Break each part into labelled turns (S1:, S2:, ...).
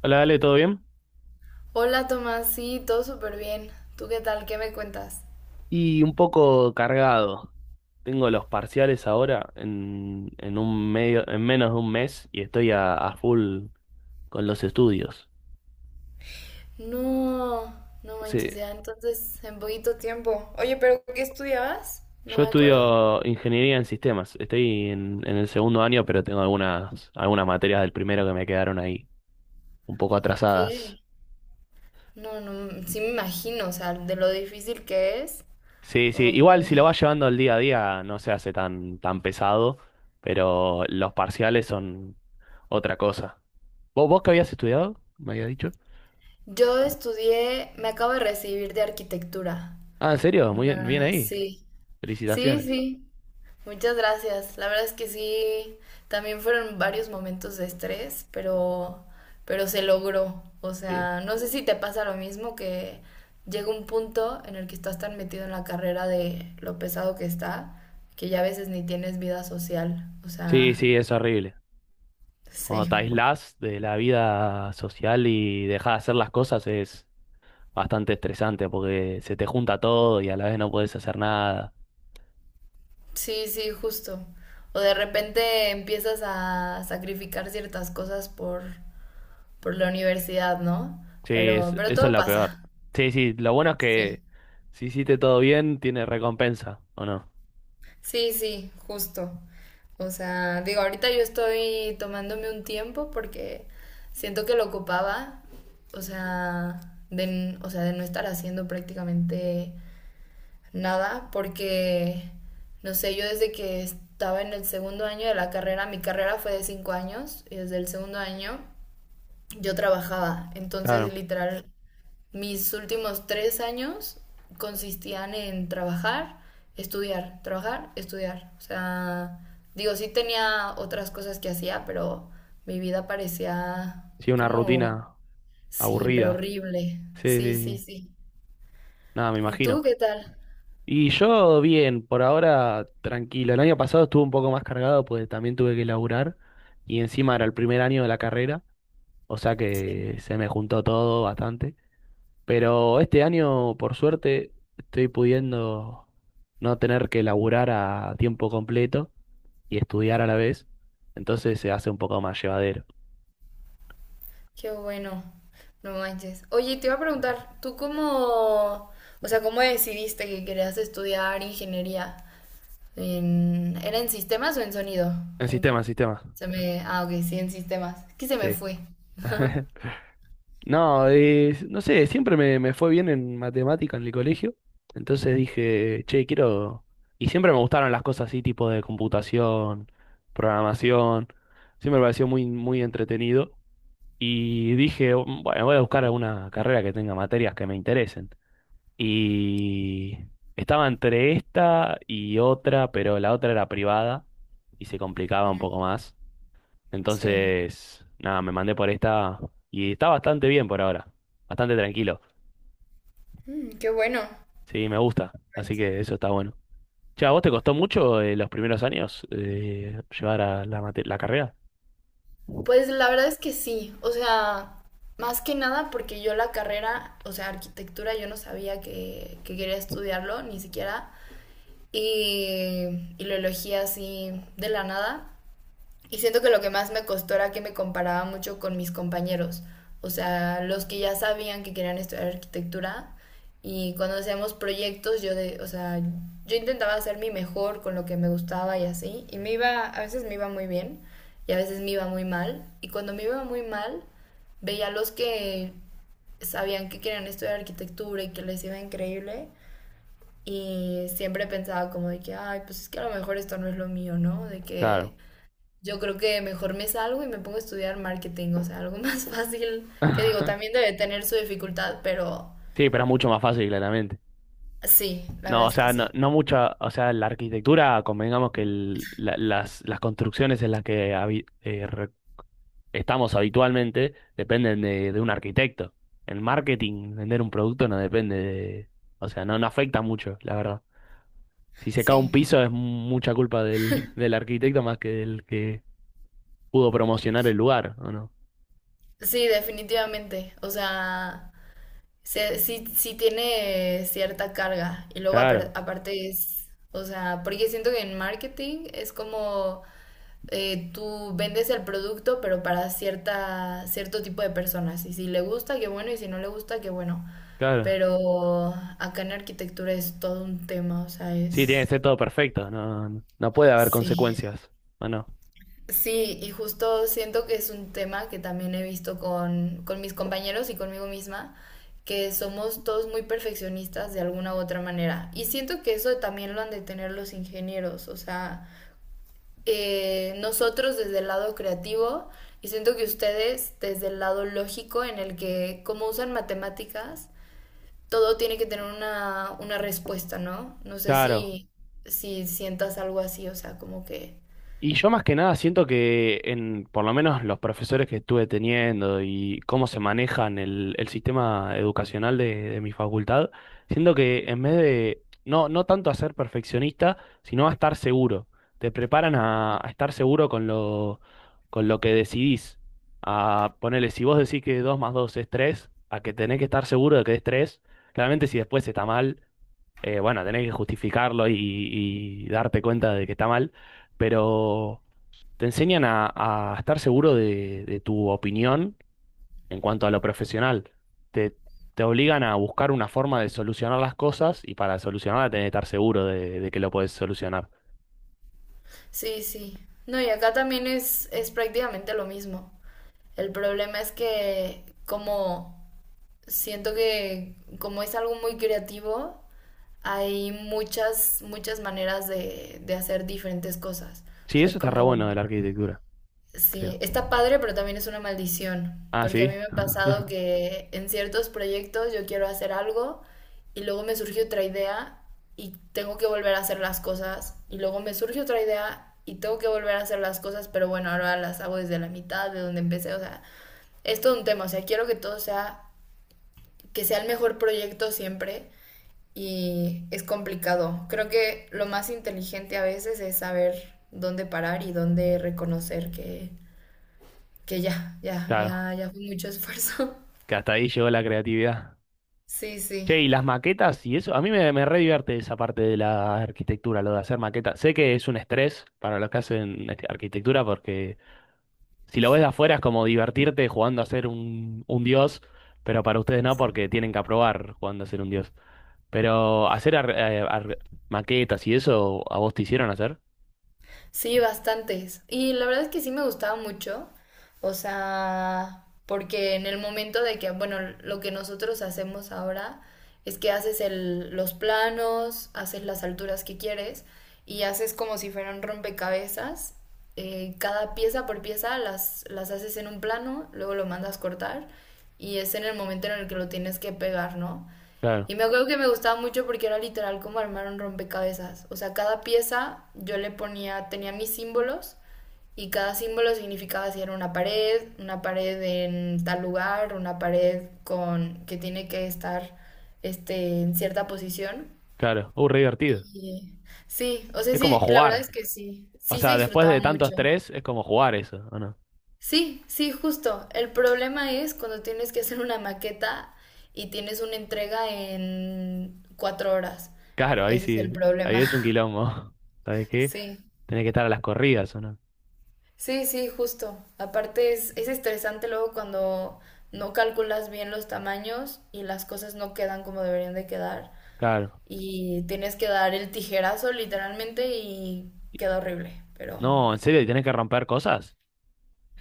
S1: Hola, Ale, ¿todo bien?
S2: Hola Tomás, sí, todo súper bien. ¿Tú qué tal? ¿Qué me cuentas?
S1: Y un poco cargado. Tengo los parciales ahora en un medio, en menos de un mes y estoy a full con los estudios.
S2: No, no
S1: Sí,
S2: manches ya, entonces en poquito tiempo. Oye, pero ¿qué estudiabas? No
S1: yo
S2: me acuerdo.
S1: estudio ingeniería en sistemas. Estoy en el segundo año, pero tengo algunas materias del primero que me quedaron ahí, un poco atrasadas.
S2: ¿Qué? No, no, sí me imagino, o sea, de lo difícil que es.
S1: Sí, sí,
S2: Como que
S1: igual si lo vas llevando al día a día no se hace tan pesado, pero los parciales son otra cosa. ¿Vos qué habías estudiado? ¿Me habías dicho?
S2: yo estudié, me acabo de recibir de arquitectura.
S1: Ah, ¿en serio? Muy bien, bien
S2: Ah,
S1: ahí.
S2: sí. Sí,
S1: Felicitaciones.
S2: sí. Muchas gracias. La verdad es que sí, también fueron varios momentos de estrés, pero se logró. O
S1: Bien.
S2: sea, no sé si te pasa lo mismo que llega un punto en el que estás tan metido en la carrera de lo pesado que está, que ya a veces ni tienes vida social. O
S1: Sí,
S2: sea,
S1: sí, es horrible. Cuando
S2: sí,
S1: te aislás de la vida social y dejás de hacer las cosas es bastante estresante porque se te junta todo y a la vez no podés hacer nada.
S2: sí, sí, justo. O de repente empiezas a sacrificar ciertas cosas por la universidad, ¿no?
S1: Sí,
S2: Pero
S1: eso es
S2: todo
S1: lo peor.
S2: pasa.
S1: Sí, sí, lo bueno es
S2: Sí.
S1: que si hiciste todo bien, tiene recompensa, ¿o no?
S2: Sí, sí, justo. O sea, digo, ahorita yo estoy tomándome un tiempo porque siento que lo ocupaba, o sea, o sea, de no estar haciendo prácticamente nada, porque, no sé, yo desde que estaba en el segundo año de la carrera, mi carrera fue de 5 años, y desde el segundo año yo trabajaba, entonces
S1: Claro.
S2: literal mis últimos 3 años consistían en trabajar, estudiar, trabajar, estudiar. O sea, digo, sí tenía otras cosas que hacía, pero mi vida parecía
S1: Sí, una
S2: como,
S1: rutina
S2: sí, pero
S1: aburrida.
S2: horrible.
S1: Sí,
S2: Sí,
S1: sí,
S2: sí,
S1: sí.
S2: sí.
S1: Nada, me
S2: ¿Y
S1: imagino.
S2: tú qué tal?
S1: Y yo bien, por ahora tranquilo. El año pasado estuve un poco más cargado, pues también tuve que laburar y encima era el primer año de la carrera, o sea
S2: Sí.
S1: que se me juntó todo bastante. Pero este año, por suerte, estoy pudiendo no tener que laburar a tiempo completo y estudiar a la vez, entonces se hace un poco más llevadero.
S2: Qué bueno. No manches. Oye, te iba a preguntar, ¿tú cómo, o sea, cómo decidiste que querías estudiar ingeniería? En, ¿era en sistemas o en sonido?
S1: En
S2: En-
S1: sistema, en sistema.
S2: se me, ah, ok, sí, en sistemas. Es que se me
S1: Sí.
S2: fue.
S1: No, no sé, siempre me fue bien en matemática en el colegio. Entonces dije, che, quiero... Y siempre me gustaron las cosas así, tipo de computación, programación. Siempre me pareció muy entretenido. Y dije, bueno, voy a buscar alguna carrera que tenga materias que me interesen. Y estaba entre esta y otra, pero la otra era privada y se complicaba un
S2: Ujú,
S1: poco más.
S2: sí.
S1: Entonces, nada, me mandé por esta y está bastante bien por ahora. Bastante tranquilo.
S2: Qué bueno.
S1: Sí, me gusta. Así que eso está bueno. Che, ¿a vos te costó mucho los primeros años llevar a la carrera?
S2: Pues la verdad es que sí, o sea, más que nada porque yo la carrera, o sea, arquitectura, yo no sabía que quería estudiarlo, ni siquiera, y lo elegí así de la nada. Y siento que lo que más me costó era que me comparaba mucho con mis compañeros, o sea, los que ya sabían que querían estudiar arquitectura y cuando hacíamos proyectos yo de, o sea, yo intentaba hacer mi mejor con lo que me gustaba y así, y me iba, a veces me iba muy bien y a veces me iba muy mal, y cuando me iba muy mal veía a los que sabían que querían estudiar arquitectura y que les iba increíble y siempre pensaba como de que, ay, pues es que a lo mejor esto no es lo mío, ¿no? De que
S1: Claro.
S2: yo creo que mejor me salgo y me pongo a estudiar marketing, o sea, algo más fácil, que digo, también debe tener su dificultad, pero
S1: Sí, pero es mucho más fácil, claramente.
S2: sí, la
S1: No,
S2: verdad
S1: o
S2: es que
S1: sea,
S2: sí,
S1: no mucha, o sea, la arquitectura, convengamos que las construcciones en las que estamos habitualmente dependen de un arquitecto. El marketing, vender un producto no depende de, o sea, no afecta mucho, la verdad. Si se cae un
S2: sí,
S1: piso es mucha culpa del, del arquitecto más que del que pudo promocionar el lugar, ¿o no?
S2: sí, definitivamente, o sea, sí, sí tiene cierta carga y luego
S1: Claro,
S2: aparte es, o sea, porque siento que en marketing es como tú vendes el producto, pero para cierta, cierto tipo de personas. Y si le gusta, qué bueno, y si no le gusta, qué bueno.
S1: claro.
S2: Pero acá en arquitectura es todo un tema, o sea,
S1: Sí, tiene que
S2: es...
S1: ser todo perfecto, no puede haber
S2: Sí.
S1: consecuencias, ¿o no?
S2: Sí, y justo siento que es un tema que también he visto con mis compañeros y conmigo misma, que somos todos muy perfeccionistas de alguna u otra manera. Y siento que eso también lo han de tener los ingenieros, o sea, nosotros desde el lado creativo y siento que ustedes desde el lado lógico en el que como usan matemáticas, todo tiene que tener una respuesta, ¿no? No sé
S1: Claro.
S2: si sientas algo así, o sea, como que...
S1: Y yo más que nada siento que en, por lo menos los profesores que estuve teniendo y cómo se manejan el sistema educacional de mi facultad, siento que en vez de no tanto a ser perfeccionista, sino a estar seguro. Te preparan a estar seguro con con lo que decidís. A ponerle, si vos decís que 2 más 2 es 3 a que tenés que estar seguro de que es tres. Claramente si después está mal, bueno, tenés que justificarlo y darte cuenta de que está mal, pero te enseñan a estar seguro de tu opinión en cuanto a lo profesional. Te, te obligan a buscar una forma de solucionar las cosas y para solucionarla tenés que estar seguro de que lo podés solucionar.
S2: Sí, sí. No, y acá también es prácticamente lo mismo. El problema es que como siento que como es algo muy creativo, hay muchas maneras de hacer diferentes cosas. O
S1: Sí,
S2: sea, es
S1: eso está re
S2: como
S1: bueno de la arquitectura,
S2: sí,
S1: creo.
S2: está padre, pero también es una maldición,
S1: Ah,
S2: porque a
S1: sí,
S2: mí me ha pasado que en ciertos proyectos yo quiero hacer algo y luego me surge otra idea y tengo que volver a hacer las cosas y luego me surge otra idea y tengo que volver a hacer las cosas, pero bueno, ahora las hago desde la mitad de donde empecé, o sea, es todo un tema, o sea, quiero que sea el mejor proyecto siempre y es complicado. Creo que lo más inteligente a veces es saber dónde parar y dónde reconocer que ya, ya,
S1: claro,
S2: ya, ya fue mucho esfuerzo.
S1: que hasta ahí llegó la creatividad.
S2: Sí, sí.
S1: Che, y las maquetas y eso, a mí me re divierte esa parte de la arquitectura, lo de hacer maquetas. Sé que es un estrés para los que hacen este, arquitectura porque si lo ves de afuera es como divertirte jugando a ser un dios, pero para ustedes no, porque tienen que aprobar jugando a ser un dios. Pero maquetas y eso, ¿a vos te hicieron hacer?
S2: Sí, bastantes. Y la verdad es que sí me gustaba mucho. O sea, porque en el momento de que, bueno, lo que nosotros hacemos ahora es que haces los planos, haces las alturas que quieres y haces como si fueran rompecabezas. Cada pieza por pieza las haces en un plano, luego lo mandas cortar y es en el momento en el que lo tienes que pegar, ¿no?
S1: Claro,
S2: Y me acuerdo que me gustaba mucho porque era literal como armar un rompecabezas. O sea, cada pieza yo le ponía, tenía mis símbolos y cada símbolo significaba si era una pared en tal lugar, una pared con que tiene que estar este, en cierta posición.
S1: claro. Re divertido.
S2: Y, sí, o sea,
S1: Es como
S2: sí, la verdad es
S1: jugar.
S2: que sí,
S1: O
S2: sí se
S1: sea, después
S2: disfrutaba
S1: de tanto
S2: mucho.
S1: estrés, es como jugar eso, ¿o no?
S2: Sí, sí, justo. El problema es cuando tienes que hacer una maqueta y tienes una entrega en 4 horas.
S1: Claro, ahí
S2: Ese es
S1: sí,
S2: el
S1: ahí
S2: problema.
S1: es un quilombo. ¿Sabes qué?
S2: Sí,
S1: Tenés que estar a las corridas, ¿o no?
S2: sí, sí, justo. Aparte es estresante luego cuando no calculas bien los tamaños y las cosas no quedan como deberían de quedar.
S1: Claro.
S2: Y tienes que dar el tijerazo literalmente y queda horrible. Pero
S1: No, ¿en serio? ¿Y ¿tenés que romper cosas?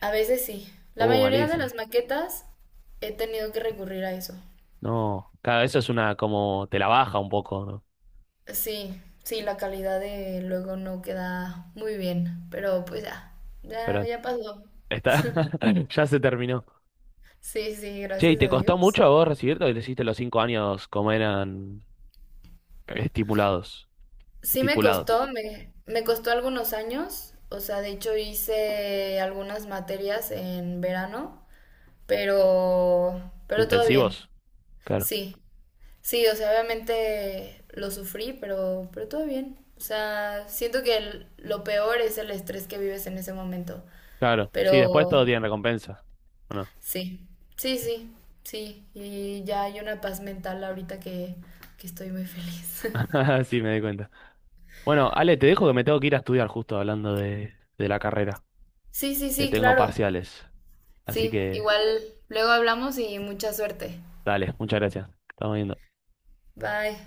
S2: a veces sí. La mayoría de
S1: Malísimo.
S2: las maquetas he tenido que recurrir a eso.
S1: No, claro, eso es una como te la baja un poco, ¿no?
S2: Sí, sí, la calidad de luego no queda muy bien, pero pues ya, ya,
S1: Pero
S2: ya pasó.
S1: está, ya se terminó.
S2: Sí, sí,
S1: Che, ¿y
S2: gracias
S1: te
S2: a
S1: costó
S2: Dios.
S1: mucho a vos recibirte o le hiciste los 5 años como eran estipulados?
S2: Sí me costó,
S1: Estipulados.
S2: me costó algunos años, o sea, de hecho hice algunas materias en verano, pero todo bien.
S1: ¿Intensivos? Claro.
S2: Sí, sí, o sea, obviamente lo sufrí, pero todo bien. O sea, siento que lo peor es el estrés que vives en ese momento,
S1: Claro. Sí, después
S2: pero
S1: todo tiene recompensa. ¿O no?
S2: sí, sí, sí, sí. Y ya hay una paz mental ahorita que estoy muy feliz.
S1: Sí, me di cuenta. Bueno, Ale, te dejo que
S2: Pero-
S1: me tengo que ir a estudiar justo hablando de la carrera,
S2: Sí, sí,
S1: que
S2: sí,
S1: tengo
S2: claro.
S1: parciales. Así
S2: Sí,
S1: que,
S2: igual luego hablamos y mucha suerte.
S1: dale, muchas gracias. Estamos viendo.
S2: Bye.